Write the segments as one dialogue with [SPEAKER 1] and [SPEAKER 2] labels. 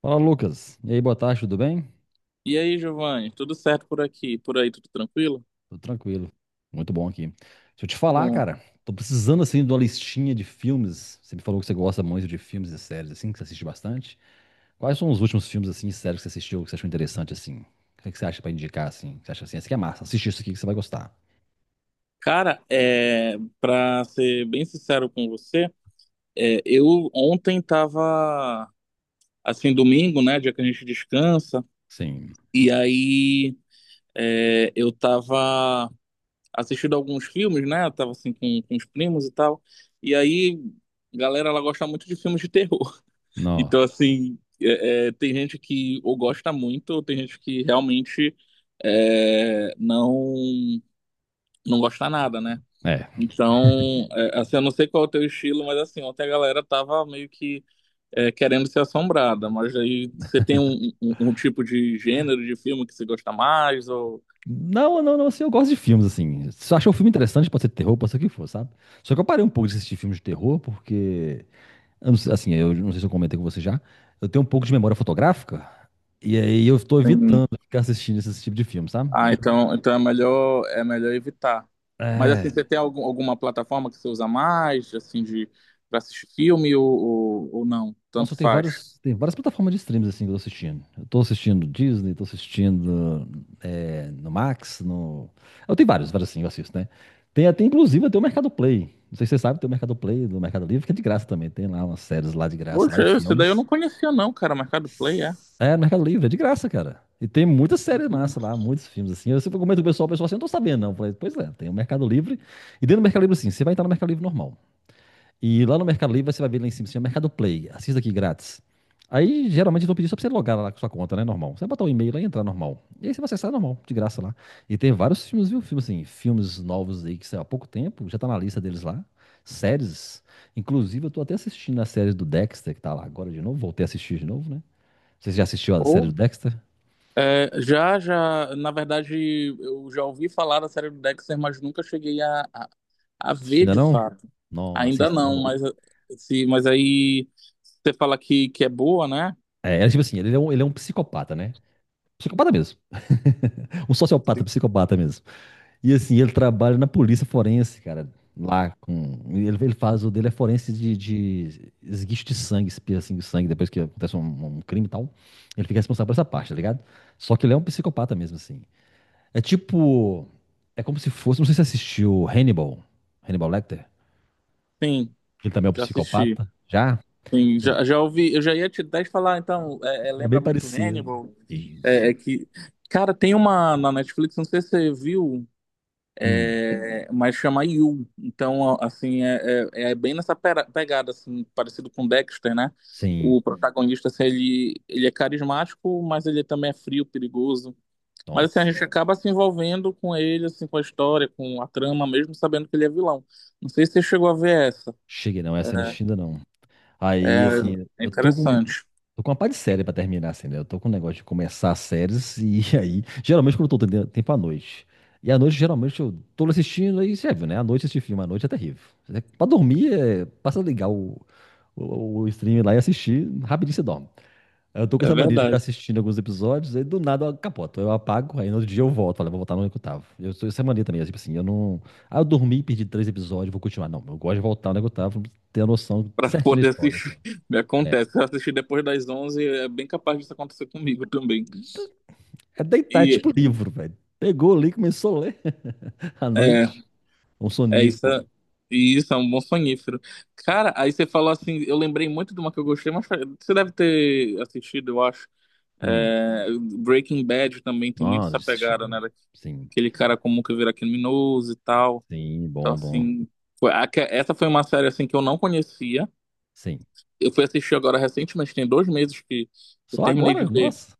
[SPEAKER 1] Fala, Lucas. E aí, boa tarde, tudo bem?
[SPEAKER 2] E aí, Giovanni, tudo certo por aqui? Por aí, tudo tranquilo?
[SPEAKER 1] Tudo tranquilo. Muito bom aqui. Deixa eu te
[SPEAKER 2] Que
[SPEAKER 1] falar,
[SPEAKER 2] bom,
[SPEAKER 1] cara. Tô precisando, assim, de uma listinha de filmes. Você me falou que você gosta muito de filmes e séries, assim, que você assiste bastante. Quais são os últimos filmes, assim, e séries que você assistiu, que você achou interessante, assim? O que é que você acha pra indicar, assim? Você acha assim, esse aqui é massa, assiste isso aqui que você vai gostar.
[SPEAKER 2] cara, pra ser bem sincero com você, eu ontem tava, assim, domingo, né, dia que a gente descansa,
[SPEAKER 1] Sim.
[SPEAKER 2] e aí eu tava assistindo alguns filmes, né, eu tava assim com os primos e tal, e aí a galera, ela gosta muito de filmes de terror,
[SPEAKER 1] Não.
[SPEAKER 2] então assim, tem gente que ou gosta muito, ou tem gente que realmente é, não não gosta nada, né?
[SPEAKER 1] É.
[SPEAKER 2] Então, assim, eu não sei qual é o teu estilo, mas assim, ontem a galera tava meio que querendo ser assombrada, mas aí você tem um tipo de gênero de filme que você gosta mais, ou.
[SPEAKER 1] Não, não, não, assim, eu gosto de filmes, assim. Se você achou um filme interessante, pode ser terror, pode ser o que for, sabe? Só que eu parei um pouco de assistir filmes de terror, porque eu não sei se eu comentei com você já, eu tenho um pouco de memória fotográfica, e aí eu tô
[SPEAKER 2] Sim.
[SPEAKER 1] evitando ficar assistindo esse tipo de filme, sabe?
[SPEAKER 2] Ah,
[SPEAKER 1] Porque
[SPEAKER 2] então é melhor evitar. Mas assim,
[SPEAKER 1] é,
[SPEAKER 2] você tem alguma plataforma que você usa mais, assim, pra assistir filme, ou não?
[SPEAKER 1] nossa, eu
[SPEAKER 2] Tanto
[SPEAKER 1] tenho
[SPEAKER 2] faz.
[SPEAKER 1] vários, tem várias plataformas de streams assim que eu tô assistindo. Eu tô assistindo Disney, tô assistindo no Max, no... Eu tenho vários, vários assim, eu assisto, né? Tem até, inclusive, até o Mercado Play. Não sei se você sabe, tem o Mercado Play do Mercado Livre, que é de graça também. Tem lá umas séries lá de graça, lá
[SPEAKER 2] Poxa,
[SPEAKER 1] e
[SPEAKER 2] esse daí eu
[SPEAKER 1] filmes.
[SPEAKER 2] não conhecia não, cara, Mercado Play, é?
[SPEAKER 1] É, no Mercado Livre, é de graça, cara. E tem muitas séries massa lá, muitos filmes assim. Eu sempre comento com o pessoal assim, eu não tô sabendo, não. Eu falei, pois é, tem o Mercado Livre. E dentro do Mercado Livre, assim, você vai entrar no Mercado Livre normal. E lá no Mercado Livre, você vai ver lá em cima, assim, o Mercado Play. Assista aqui grátis. Aí, geralmente, eu tô pedindo só pra você logar lá com sua conta, né? Normal. Você vai botar o e-mail lá e entrar normal. E aí você vai acessar normal, de graça lá. E tem vários filmes, viu? Filmes assim, filmes novos aí que saiu há pouco tempo, já tá na lista deles lá. Séries. Inclusive, eu tô até assistindo a série do Dexter, que tá lá agora de novo. Voltei a assistir de novo, né? Você já assistiu a série do
[SPEAKER 2] Uhum.
[SPEAKER 1] Dexter?
[SPEAKER 2] É, na verdade, eu já ouvi falar da série do Dexter, mas nunca cheguei a
[SPEAKER 1] Assistiu
[SPEAKER 2] ver
[SPEAKER 1] ainda
[SPEAKER 2] de
[SPEAKER 1] não?
[SPEAKER 2] fato.
[SPEAKER 1] Não,
[SPEAKER 2] Ainda
[SPEAKER 1] assiste, é
[SPEAKER 2] não,
[SPEAKER 1] bom.
[SPEAKER 2] mas se, mas aí você fala que é boa, né?
[SPEAKER 1] É, é tipo assim, ele é um psicopata, né? Psicopata mesmo. Um sociopata, psicopata mesmo. E assim, ele trabalha na polícia forense, cara. Lá com. Ele faz o dele é forense de esguicho de sangue, espirra assim, de sangue, depois que acontece um crime e tal. Ele fica responsável por essa parte, tá ligado? Só que ele é um psicopata mesmo, assim. É tipo. É como se fosse. Não sei se você assistiu Hannibal. Hannibal Lecter.
[SPEAKER 2] Sim,
[SPEAKER 1] Ele também é um
[SPEAKER 2] já assisti.
[SPEAKER 1] psicopata. Já?
[SPEAKER 2] Sim,
[SPEAKER 1] Pois
[SPEAKER 2] já ouvi, eu já ia te até te falar, então,
[SPEAKER 1] é
[SPEAKER 2] lembra
[SPEAKER 1] bem
[SPEAKER 2] muito
[SPEAKER 1] parecido.
[SPEAKER 2] Hannibal.
[SPEAKER 1] Isso.
[SPEAKER 2] É que, cara, tem uma na Netflix, não sei se você viu,
[SPEAKER 1] Hum,
[SPEAKER 2] mas chama You. Então, assim, é bem nessa pegada, assim, parecido com Dexter, né?
[SPEAKER 1] sim.
[SPEAKER 2] O protagonista, assim, ele é carismático, mas ele também é frio, perigoso. Mas, assim, a
[SPEAKER 1] Nossa.
[SPEAKER 2] gente acaba se envolvendo com ele, assim, com a história, com a trama, mesmo sabendo que ele é vilão. Não sei se você chegou a ver essa.
[SPEAKER 1] Cheguei, não. Essa eu não assisti ainda, não. Aí,
[SPEAKER 2] É,
[SPEAKER 1] assim,
[SPEAKER 2] é
[SPEAKER 1] eu tô com.
[SPEAKER 2] interessante,
[SPEAKER 1] Tô com uma pá de série pra terminar, assim, né? Eu tô com um negócio de começar as séries e aí. Geralmente, quando eu tô tendo tempo à noite. E à noite, geralmente, eu tô assistindo e você viu, né? À noite, assistir filme à noite é terrível. Pra dormir, é... basta ligar o stream lá e assistir, rapidinho você dorme. Eu tô com
[SPEAKER 2] é
[SPEAKER 1] essa mania de ficar
[SPEAKER 2] verdade.
[SPEAKER 1] assistindo alguns episódios, aí do nada eu capoto. Eu apago, aí no outro dia eu volto. Falo, vou voltar no que eu tava. Eu sou essa mania também, é tipo assim, eu não. Ah, eu dormi, perdi três episódios, vou continuar. Não, eu gosto de voltar no que eu tava, ter a noção
[SPEAKER 2] Para
[SPEAKER 1] certinha da
[SPEAKER 2] poder
[SPEAKER 1] história, assim.
[SPEAKER 2] assistir, me
[SPEAKER 1] É,
[SPEAKER 2] acontece. Se eu assistir depois das 11 é bem capaz disso acontecer comigo também.
[SPEAKER 1] é deitar, é
[SPEAKER 2] E,
[SPEAKER 1] tipo livro, velho. Pegou ali, começou a ler. À
[SPEAKER 2] é,
[SPEAKER 1] noite, um
[SPEAKER 2] É isso,
[SPEAKER 1] sonífero.
[SPEAKER 2] isso é um bom sonífero. Cara, aí você falou assim, eu lembrei muito de uma que eu gostei, mas você deve ter assistido, eu acho.
[SPEAKER 1] Hum,
[SPEAKER 2] É, Breaking Bad também tem muito
[SPEAKER 1] nossa,
[SPEAKER 2] essa pegada, né?
[SPEAKER 1] assisti. Sim,
[SPEAKER 2] Aquele cara comum que vira criminoso e tal.
[SPEAKER 1] sim,
[SPEAKER 2] Então,
[SPEAKER 1] bom, bom.
[SPEAKER 2] assim, essa foi uma série assim que eu não conhecia.
[SPEAKER 1] Sim.
[SPEAKER 2] Eu fui assistir agora recentemente, tem 2 meses que eu
[SPEAKER 1] Só
[SPEAKER 2] terminei de
[SPEAKER 1] agora?
[SPEAKER 2] ver,
[SPEAKER 1] Nossa.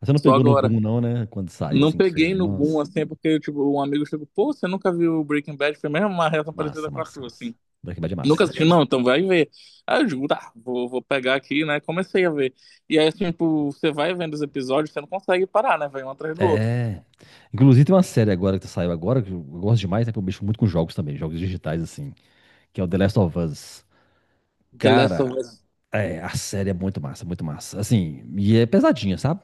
[SPEAKER 1] Você não
[SPEAKER 2] só
[SPEAKER 1] pegou no
[SPEAKER 2] agora.
[SPEAKER 1] boom, não, né? Quando saiu,
[SPEAKER 2] Não
[SPEAKER 1] assim, que
[SPEAKER 2] peguei
[SPEAKER 1] surge.
[SPEAKER 2] no boom,
[SPEAKER 1] Nossa.
[SPEAKER 2] assim, é porque, tipo, um amigo chegou, pô, você nunca viu Breaking Bad? Foi mesmo uma reação parecida
[SPEAKER 1] Massa,
[SPEAKER 2] com a
[SPEAKER 1] massa,
[SPEAKER 2] tua,
[SPEAKER 1] massa.
[SPEAKER 2] assim.
[SPEAKER 1] Breaking Bad é
[SPEAKER 2] Nunca
[SPEAKER 1] massa, eu
[SPEAKER 2] assisti,
[SPEAKER 1] gosto.
[SPEAKER 2] não, então vai ver. Ah, eu digo, tá, vou pegar aqui, né? Comecei a ver. E aí, assim, tipo, você vai vendo os episódios, você não consegue parar, né? Vai um atrás do outro.
[SPEAKER 1] É. Inclusive tem uma série agora que saiu agora, que eu gosto demais, né? Que eu mexo muito com jogos também, jogos digitais, assim, que é o The Last of Us.
[SPEAKER 2] The Last of
[SPEAKER 1] Cara,
[SPEAKER 2] Us,
[SPEAKER 1] é, a série é muito massa, muito massa. Assim, e é pesadinha, sabe?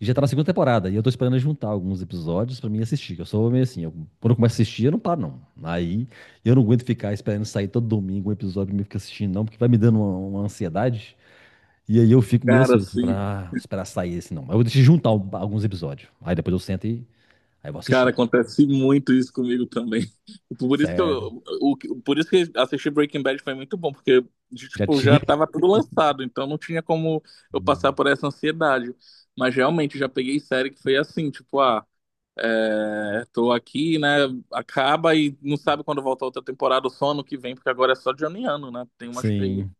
[SPEAKER 1] E já tá na segunda temporada, e eu tô esperando juntar alguns episódios pra mim assistir. Que eu sou meio assim, eu- quando eu começo a assistir, eu não paro, não. Aí eu não aguento ficar esperando sair todo domingo um episódio pra mim ficar assistindo, não, porque vai me dando uma ansiedade. E aí eu fico meio
[SPEAKER 2] cara,
[SPEAKER 1] ansioso, assim,
[SPEAKER 2] assim,
[SPEAKER 1] pra ah, esperar sair esse não. Mas eu vou deixar juntar al- alguns episódios. Aí depois eu sento e aí eu vou
[SPEAKER 2] cara,
[SPEAKER 1] assistindo.
[SPEAKER 2] acontece muito isso comigo também. Por isso que
[SPEAKER 1] Sério.
[SPEAKER 2] eu, o, por isso que assistir Breaking Bad foi muito bom, porque,
[SPEAKER 1] Já
[SPEAKER 2] tipo,
[SPEAKER 1] tinha.
[SPEAKER 2] já tava tudo lançado, então não tinha como eu passar por essa ansiedade. Mas realmente, já peguei série que foi assim, tipo, ah. É, tô aqui, né? Acaba e não sabe quando volta outra temporada, ou só ano que vem, porque agora é só Johnny Ano, né? Tem umas que aí.
[SPEAKER 1] Sim.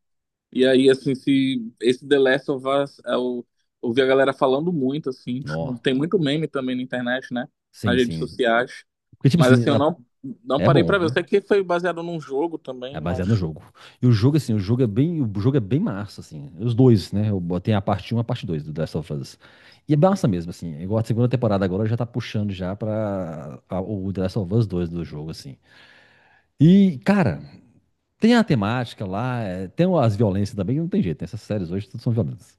[SPEAKER 2] E aí, assim, se esse The Last of Us, eu ouvi a galera falando muito, assim, tipo,
[SPEAKER 1] Nó.
[SPEAKER 2] tem muito meme também na internet, né? Nas
[SPEAKER 1] Sim,
[SPEAKER 2] redes
[SPEAKER 1] sim.
[SPEAKER 2] sociais.
[SPEAKER 1] Porque, tipo
[SPEAKER 2] Mas
[SPEAKER 1] assim,
[SPEAKER 2] assim, eu
[SPEAKER 1] na-
[SPEAKER 2] não
[SPEAKER 1] é
[SPEAKER 2] parei
[SPEAKER 1] bom,
[SPEAKER 2] pra ver. Eu
[SPEAKER 1] viu?
[SPEAKER 2] sei que foi baseado num jogo
[SPEAKER 1] É
[SPEAKER 2] também,
[SPEAKER 1] baseado no
[SPEAKER 2] mas
[SPEAKER 1] jogo. E o jogo, assim, o jogo é bem, o jogo é bem massa, assim. Os dois, né? Eu botei a parte um e a parte 2 do Last of Us. E é massa mesmo, assim. É Igual a segunda temporada agora já tá puxando já pra a- o The Last of Us 2 do jogo, assim. E, cara, tem a temática lá, é, tem as violências também, que não tem jeito, né? Essas séries hoje tudo são violentas.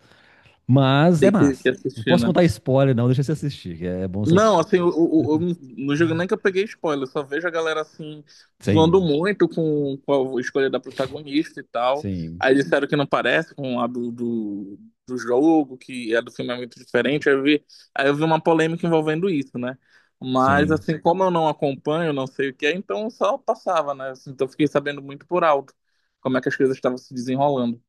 [SPEAKER 1] Mas é
[SPEAKER 2] tem que
[SPEAKER 1] massa. Não
[SPEAKER 2] assistir,
[SPEAKER 1] posso
[SPEAKER 2] né?
[SPEAKER 1] contar spoiler, não, deixa você assistir, que é bom você
[SPEAKER 2] Não,
[SPEAKER 1] assistir.
[SPEAKER 2] assim, eu no jogo nem que eu peguei spoiler, eu só vejo a galera assim, zoando
[SPEAKER 1] Sim,
[SPEAKER 2] muito com a escolha da protagonista e tal.
[SPEAKER 1] sim,
[SPEAKER 2] Aí disseram que não parece com a do jogo, que a do filme é muito diferente. Aí eu vi uma polêmica envolvendo isso, né? Mas
[SPEAKER 1] sim.
[SPEAKER 2] assim, como eu não acompanho, não sei o que é, então eu só passava, né? Assim, então eu fiquei sabendo muito por alto como é que as coisas estavam se desenrolando.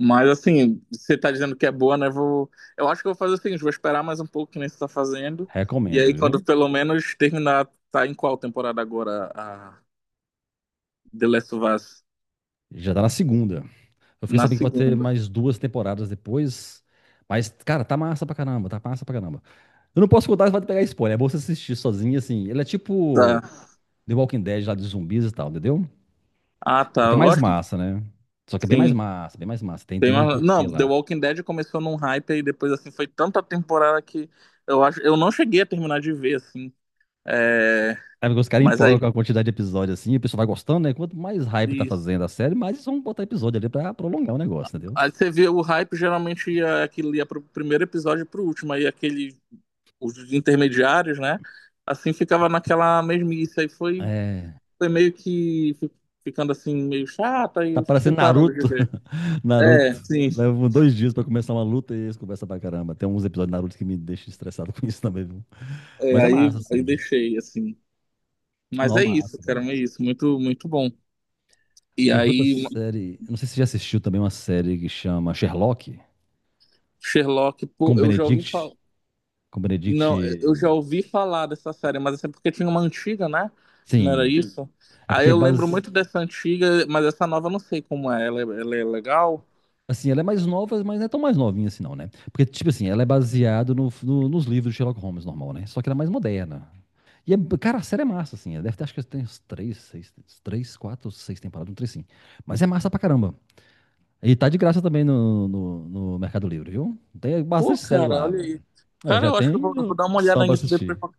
[SPEAKER 2] Mas assim, você tá dizendo que é boa, né? Eu acho que eu vou fazer o seguinte, vou esperar mais um pouco que nem você tá fazendo. E aí,
[SPEAKER 1] Recomendo, viu?
[SPEAKER 2] quando pelo menos terminar, tá em qual temporada agora a The Last of Us?
[SPEAKER 1] Já tá na segunda. Eu fiquei
[SPEAKER 2] Na
[SPEAKER 1] sabendo que vai ter
[SPEAKER 2] segunda.
[SPEAKER 1] mais duas temporadas depois. Mas, cara, tá massa pra caramba, tá massa pra caramba. Eu não posso contar, você vai pegar spoiler. É bom você assistir sozinho, assim. Ele é tipo
[SPEAKER 2] Tá.
[SPEAKER 1] The Walking Dead lá de zumbis e tal, entendeu?
[SPEAKER 2] Ah,
[SPEAKER 1] Só que
[SPEAKER 2] tá.
[SPEAKER 1] é mais
[SPEAKER 2] Ótimo.
[SPEAKER 1] massa, né? Só que é bem mais
[SPEAKER 2] Sim.
[SPEAKER 1] massa, bem mais massa. Tem, tem o porquê
[SPEAKER 2] Não, The
[SPEAKER 1] lá.
[SPEAKER 2] Walking Dead começou num hype e depois assim foi tanta temporada que eu acho. Eu não cheguei a terminar de ver, assim. É...
[SPEAKER 1] É porque os caras
[SPEAKER 2] Mas
[SPEAKER 1] empolgam com
[SPEAKER 2] aí.
[SPEAKER 1] a quantidade de episódios assim, o pessoal vai gostando, né? Quanto mais hype tá
[SPEAKER 2] Isso.
[SPEAKER 1] fazendo a série, mais eles vão botar episódio ali pra prolongar o negócio, entendeu?
[SPEAKER 2] Aí você vê o hype, geralmente ia pro primeiro episódio e pro último. Aí aquele os intermediários, né? Assim ficava naquela mesmice. Aí foi,
[SPEAKER 1] É.
[SPEAKER 2] foi meio que ficando assim, meio chata, e
[SPEAKER 1] Tá
[SPEAKER 2] eu fui
[SPEAKER 1] parecendo
[SPEAKER 2] parando de
[SPEAKER 1] Naruto.
[SPEAKER 2] ver. É,
[SPEAKER 1] Naruto.
[SPEAKER 2] sim.
[SPEAKER 1] Levam dois dias pra começar uma luta e eles conversam pra caramba. Tem uns episódios de Naruto que me deixam estressado com isso também, viu?
[SPEAKER 2] É,
[SPEAKER 1] Mas é massa,
[SPEAKER 2] aí
[SPEAKER 1] assim.
[SPEAKER 2] deixei, assim. Mas
[SPEAKER 1] Não, é
[SPEAKER 2] é isso,
[SPEAKER 1] massa,
[SPEAKER 2] cara,
[SPEAKER 1] cara.
[SPEAKER 2] é isso. Muito, muito bom. E
[SPEAKER 1] Porque vi outra
[SPEAKER 2] aí,
[SPEAKER 1] série. Eu Não sei se você já assistiu também uma série que chama Sherlock,
[SPEAKER 2] Sherlock, pô,
[SPEAKER 1] com
[SPEAKER 2] eu já ouvi
[SPEAKER 1] Benedict.
[SPEAKER 2] falar.
[SPEAKER 1] Com Benedict.
[SPEAKER 2] Não, eu já ouvi falar dessa série, mas essa é porque tinha uma antiga, né? Não era
[SPEAKER 1] Sim.
[SPEAKER 2] isso?
[SPEAKER 1] É
[SPEAKER 2] Aí
[SPEAKER 1] porque é
[SPEAKER 2] eu lembro
[SPEAKER 1] base.
[SPEAKER 2] muito dessa antiga, mas essa nova eu não sei como é. Ela é legal?
[SPEAKER 1] Assim, ela é mais nova, mas não é tão mais novinha assim, não, né? Porque, tipo assim, ela é baseada nos livros de Sherlock Holmes normal, né? Só que ela é mais moderna. E, é, cara, a série é massa, assim. Ela deve ter, acho que tem uns três, seis, três, quatro, seis temporadas, um três, sim. Mas é massa pra caramba. E tá de graça também no Mercado Livre, viu? Tem
[SPEAKER 2] Pô,
[SPEAKER 1] bastante série
[SPEAKER 2] cara,
[SPEAKER 1] lá,
[SPEAKER 2] olha aí.
[SPEAKER 1] velho. Aí, eu
[SPEAKER 2] Cara,
[SPEAKER 1] já
[SPEAKER 2] eu acho que eu vou,
[SPEAKER 1] tenho
[SPEAKER 2] vou dar uma
[SPEAKER 1] opção
[SPEAKER 2] olhada
[SPEAKER 1] pra
[SPEAKER 2] nisso depois
[SPEAKER 1] assistir.
[SPEAKER 2] porque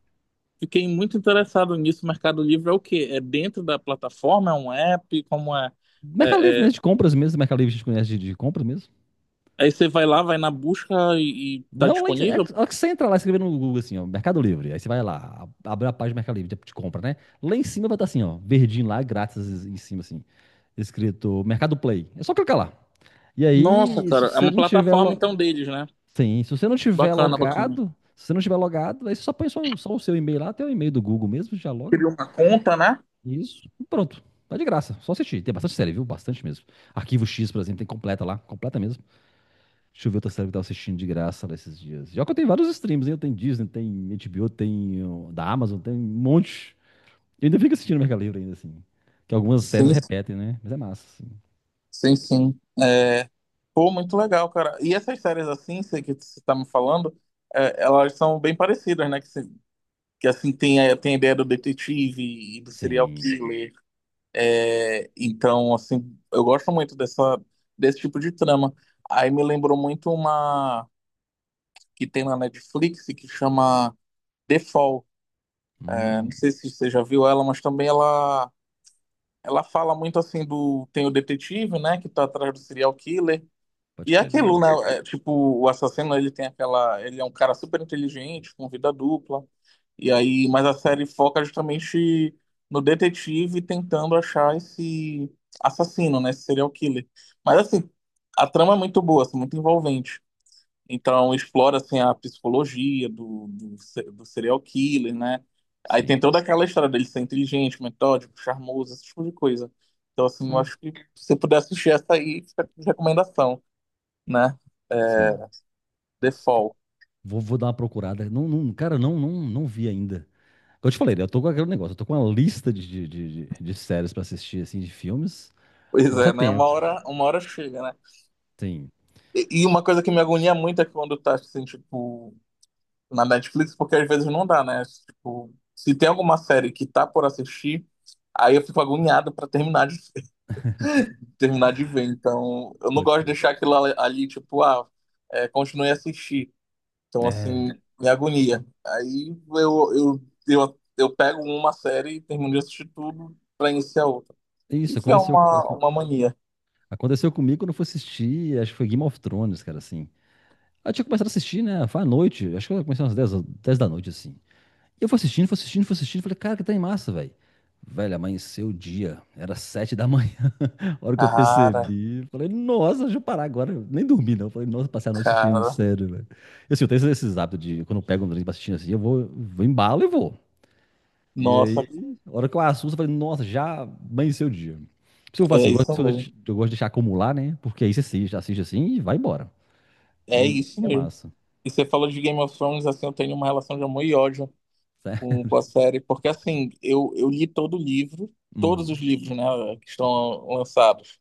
[SPEAKER 2] fiquei muito interessado nisso. Mercado Livre é o quê? É dentro da plataforma? É um app? Como é?
[SPEAKER 1] Mercado Livre
[SPEAKER 2] É,
[SPEAKER 1] mesmo, de
[SPEAKER 2] é-
[SPEAKER 1] compras mesmo. Mercado Livre a gente conhece de compras mesmo.
[SPEAKER 2] Aí você vai lá, vai na busca e tá
[SPEAKER 1] Não, lá, em-
[SPEAKER 2] disponível?
[SPEAKER 1] é que você entra lá escrevendo no Google assim, ó, Mercado Livre. Aí você vai lá, a- abre a página do Mercado Livre de compra, né? Lá em cima vai estar assim, ó, verdinho lá, grátis em cima, assim, escrito Mercado Play. É só clicar lá. E
[SPEAKER 2] Nossa, é.
[SPEAKER 1] aí,
[SPEAKER 2] Cara,
[SPEAKER 1] se
[SPEAKER 2] é
[SPEAKER 1] você
[SPEAKER 2] uma
[SPEAKER 1] não tiver
[SPEAKER 2] plataforma
[SPEAKER 1] lo...
[SPEAKER 2] então deles, né?
[SPEAKER 1] Sim, se você não tiver
[SPEAKER 2] Bacana, bacana.
[SPEAKER 1] logado, se você não tiver logado, aí você só põe só o seu e-mail lá, até o e-mail do Google mesmo, já loga.
[SPEAKER 2] Cria uma conta, né?
[SPEAKER 1] Isso. E pronto. Tá de graça. Só assistir. Tem bastante série, viu? Bastante mesmo. Arquivo X, por exemplo, tem completa lá, completa mesmo. Deixa eu ver outra série que eu tava assistindo de graça lá esses dias. Já que eu tenho vários streams, hein? Eu tenho Disney, tem HBO, tem ó, da Amazon, tem um monte. Eu ainda fico assistindo Mercado Livre ainda, assim. Que algumas séries
[SPEAKER 2] Sim,
[SPEAKER 1] repetem, né? Mas é massa, assim.
[SPEAKER 2] sim, sim. Pô, muito legal, cara. E essas séries assim, sei que você tá me falando, elas são bem parecidas, né? Que assim tem a ideia do detetive e do serial
[SPEAKER 1] Sim.
[SPEAKER 2] killer. É, então, assim, eu gosto muito dessa desse tipo de trama. Aí me lembrou muito uma que tem na Netflix que chama The Fall. É, não
[SPEAKER 1] Hum,
[SPEAKER 2] sei se você já viu ela, mas também ela fala muito assim do tem o detetive, né, que tá atrás do serial killer.
[SPEAKER 1] pode
[SPEAKER 2] E é
[SPEAKER 1] crer, ainda
[SPEAKER 2] aquilo, né?
[SPEAKER 1] não.
[SPEAKER 2] Tipo, o assassino, ele tem aquela. Ele é um cara super inteligente, com vida dupla. E aí, mas a série foca justamente no detetive tentando achar esse assassino, né? Esse serial killer. Mas assim, a trama é muito boa, assim, muito envolvente. Então explora assim a psicologia do, do, se- do serial killer, né? Aí tem
[SPEAKER 1] Sim.
[SPEAKER 2] toda aquela história dele ser inteligente, metódico, charmoso, esse tipo de coisa. Então assim, eu
[SPEAKER 1] Ó,
[SPEAKER 2] acho que se você puder assistir essa aí, fica de recomendação, né?
[SPEAKER 1] sim.
[SPEAKER 2] Default.
[SPEAKER 1] Vou, vou dar uma procurada. Não, não, cara, não, não, não vi ainda. Como eu te falei, né, eu tô com aquele negócio, eu tô com uma lista de séries pra assistir, assim, de filmes.
[SPEAKER 2] Pois
[SPEAKER 1] Não precisa
[SPEAKER 2] é, né?
[SPEAKER 1] tempo.
[SPEAKER 2] Uma hora chega, né?
[SPEAKER 1] Sim,
[SPEAKER 2] E uma coisa que me agonia muito é quando tá, assim, tipo, na Netflix, porque às vezes não dá, né? Tipo, se tem alguma série que tá por assistir, aí eu fico agoniado pra terminar terminar de ver. Então, eu não
[SPEAKER 1] pode
[SPEAKER 2] gosto de
[SPEAKER 1] crer.
[SPEAKER 2] deixar aquilo ali, tipo, continue a assistir. Então, assim,
[SPEAKER 1] É,
[SPEAKER 2] me agonia. Aí eu pego uma série e termino de assistir tudo pra iniciar outra.
[SPEAKER 1] isso,
[SPEAKER 2] Isso é
[SPEAKER 1] aconteceu.
[SPEAKER 2] uma mania.
[SPEAKER 1] Aconteceu comigo quando eu fui assistir, acho que foi Game of Thrones, cara, assim. Aí eu tinha começado a assistir, né? Foi à noite, acho que eu comecei umas 10, 10 da noite, assim. E eu fui assistindo, fui assistindo, fui assistindo, falei, cara, que tá em massa, velho. Velho, amanheceu o dia, era 7 da manhã, a hora que eu
[SPEAKER 2] Cara,
[SPEAKER 1] percebi. Falei, nossa, deixa eu parar agora. Eu nem dormi, não. Falei, nossa, passei a noite assistindo,
[SPEAKER 2] cara.
[SPEAKER 1] sério, velho. E assim, eu tenho esses hábitos de, quando eu pego um drink pra assistir, assim, eu vou, vou embalo e vou. E
[SPEAKER 2] Nossa,
[SPEAKER 1] aí, a hora que eu assusto, eu falei, nossa, já amanheceu o dia. Por isso que eu falo assim,
[SPEAKER 2] é
[SPEAKER 1] eu
[SPEAKER 2] isso
[SPEAKER 1] gosto,
[SPEAKER 2] mesmo.
[SPEAKER 1] eu gosto de deixar acumular, né? Porque aí você assiste, assiste assim e vai embora.
[SPEAKER 2] É
[SPEAKER 1] E
[SPEAKER 2] isso
[SPEAKER 1] é
[SPEAKER 2] mesmo.
[SPEAKER 1] massa.
[SPEAKER 2] E você falou de Game of Thrones, assim, eu tenho uma relação de amor e ódio com,
[SPEAKER 1] Certo?
[SPEAKER 2] com a série, porque assim, eu li todos os
[SPEAKER 1] Hum,
[SPEAKER 2] livros, né, que estão lançados.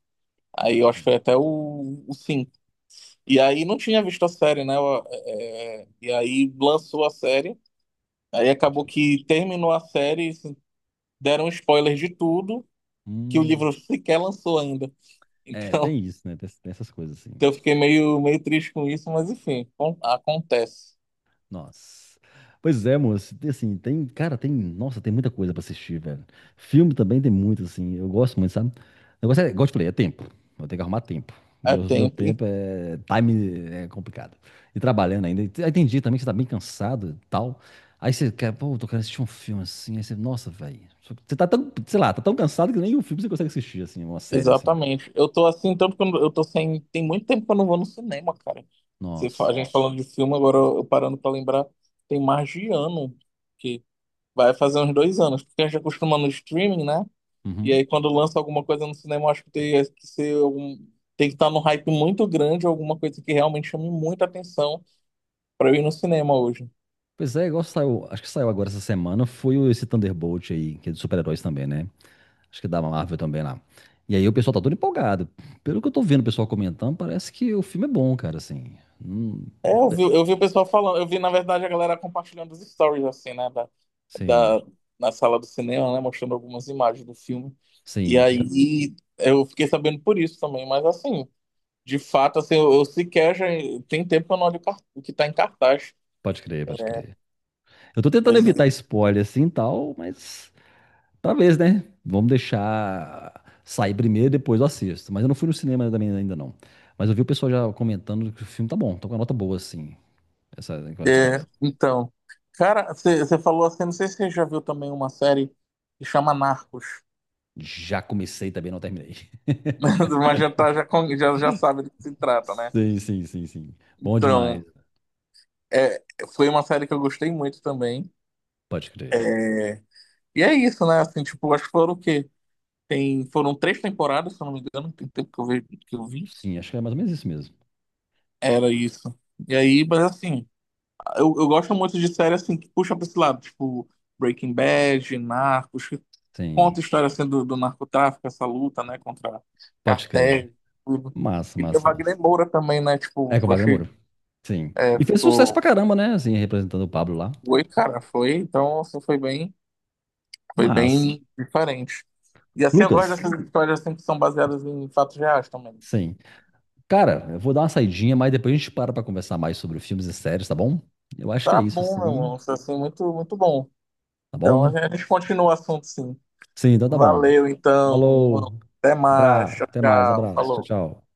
[SPEAKER 2] Aí eu acho que
[SPEAKER 1] sim,
[SPEAKER 2] foi até o 5. E aí não tinha visto a série, né? E aí lançou a série. Aí
[SPEAKER 1] pode
[SPEAKER 2] acabou
[SPEAKER 1] escolher.
[SPEAKER 2] que terminou a série, deram spoilers de tudo, que o
[SPEAKER 1] Hum,
[SPEAKER 2] livro sequer lançou ainda.
[SPEAKER 1] é,
[SPEAKER 2] Então,
[SPEAKER 1] tem isso, né? Tem, tem essas coisas assim.
[SPEAKER 2] eu fiquei meio triste com isso, mas enfim, acontece.
[SPEAKER 1] Nossa. Pois é, moço. Tem, assim, tem, cara, tem, nossa, tem muita coisa pra assistir, velho. Filme também tem muito, assim. Eu gosto muito, sabe? O negócio é, igual eu te falei, é tempo. Eu tenho que arrumar tempo.
[SPEAKER 2] É
[SPEAKER 1] Meu
[SPEAKER 2] tempo.
[SPEAKER 1] tempo é, time é complicado. E trabalhando ainda. E te- Aí tem dia também que você tá bem cansado e tal. Aí você quer, pô, tô querendo assistir um filme assim. Aí você, nossa, velho. Você tá tão, sei lá, tá tão cansado que nem um filme você consegue assistir, assim, uma série, assim.
[SPEAKER 2] Exatamente. Eu tô assim, tanto que eu tô sem. Tem muito tempo que eu não vou no cinema, cara.
[SPEAKER 1] Nossa.
[SPEAKER 2] A gente falando de filme, agora eu parando pra lembrar, tem mais de ano, que vai fazer uns 2 anos, porque a gente acostuma no streaming, né? E
[SPEAKER 1] Uhum.
[SPEAKER 2] aí quando lança alguma coisa no cinema, eu acho que tem que ser algum. Tem que estar num hype muito grande, alguma coisa que realmente chame muita atenção pra eu ir no cinema hoje.
[SPEAKER 1] Pois é, igual saiu, acho que saiu agora essa semana, foi o- esse Thunderbolt aí, que é de super-heróis também, né? Acho que é da Marvel também lá. E aí o pessoal tá todo empolgado. Pelo que eu tô vendo o pessoal comentando, parece que o filme é bom, cara, assim. Hum,
[SPEAKER 2] É, eu
[SPEAKER 1] pe-
[SPEAKER 2] vi, eu vi o pessoal falando, eu vi, na verdade, a galera compartilhando os stories, assim, né,
[SPEAKER 1] sim,
[SPEAKER 2] da, na sala do cinema, né, mostrando algumas imagens do filme. E
[SPEAKER 1] sim. eu-
[SPEAKER 2] aí eu fiquei sabendo por isso também, mas assim, de fato, assim, eu sequer já tem tempo que eu não olho o o que tá em cartaz.
[SPEAKER 1] Pode crer, pode
[SPEAKER 2] É.
[SPEAKER 1] crer. Eu tô tentando
[SPEAKER 2] Mas,
[SPEAKER 1] evitar spoiler assim e tal, mas talvez, né? Vamos deixar sair primeiro, depois eu assisto. Mas eu não fui no cinema também ainda não. Mas eu vi o pessoal já comentando que o filme tá bom, tô com a nota boa, assim. Essa questão.
[SPEAKER 2] então, cara, você falou assim, não sei se você já viu também uma série que chama Narcos,
[SPEAKER 1] Já comecei também, não terminei.
[SPEAKER 2] mas já, tá, já, con- já, já sabe do que se trata, né?
[SPEAKER 1] Sim, sim, sim, sim. Bom demais.
[SPEAKER 2] Então, é, foi uma série que eu gostei muito também.
[SPEAKER 1] Pode crer.
[SPEAKER 2] É. E é isso, né? Assim, tipo, acho que foram o quê? Foram 3 temporadas, se eu não me engano, tem tempo que eu vi.
[SPEAKER 1] Sim, acho que é mais ou menos isso mesmo.
[SPEAKER 2] Era isso. E aí, mas assim, eu gosto muito de série assim que puxa pra esse lado, tipo Breaking Bad, Narcos, que conta
[SPEAKER 1] Sim,
[SPEAKER 2] a história assim, do narcotráfico, essa luta, né, contra
[SPEAKER 1] pode
[SPEAKER 2] cartéis,
[SPEAKER 1] crer.
[SPEAKER 2] tudo.
[SPEAKER 1] Massa,
[SPEAKER 2] E tem o
[SPEAKER 1] massa,
[SPEAKER 2] Wagner
[SPEAKER 1] massa.
[SPEAKER 2] Moura também, né? Tipo,
[SPEAKER 1] É com o
[SPEAKER 2] eu
[SPEAKER 1] Wagner Moura.
[SPEAKER 2] achei.
[SPEAKER 1] Sim.
[SPEAKER 2] É,
[SPEAKER 1] E fez sucesso pra
[SPEAKER 2] ficou.
[SPEAKER 1] caramba, né? Assim, representando o Pablo lá.
[SPEAKER 2] Foi, cara, foi. Então, assim, foi bem. Foi
[SPEAKER 1] Mas,
[SPEAKER 2] bem diferente. E assim, eu gosto
[SPEAKER 1] Lucas,
[SPEAKER 2] dessas histórias assim, que são baseadas em fatos reais também.
[SPEAKER 1] sim. Cara, eu vou dar uma saidinha, mas depois a gente para pra conversar mais sobre filmes e séries, tá bom? Eu acho que
[SPEAKER 2] Tá
[SPEAKER 1] é isso,
[SPEAKER 2] bom, meu
[SPEAKER 1] assim.
[SPEAKER 2] irmão. Isso, assim, muito, muito bom.
[SPEAKER 1] Tá
[SPEAKER 2] Então, a
[SPEAKER 1] bom?
[SPEAKER 2] gente a gente continua o assunto, sim.
[SPEAKER 1] Sim, então tá bom.
[SPEAKER 2] Valeu, então, irmão.
[SPEAKER 1] Falou.
[SPEAKER 2] Até mais.
[SPEAKER 1] Abraço.
[SPEAKER 2] Tchau,
[SPEAKER 1] Até mais.
[SPEAKER 2] tchau.
[SPEAKER 1] Abraço. Tchau,
[SPEAKER 2] Falou.
[SPEAKER 1] tchau.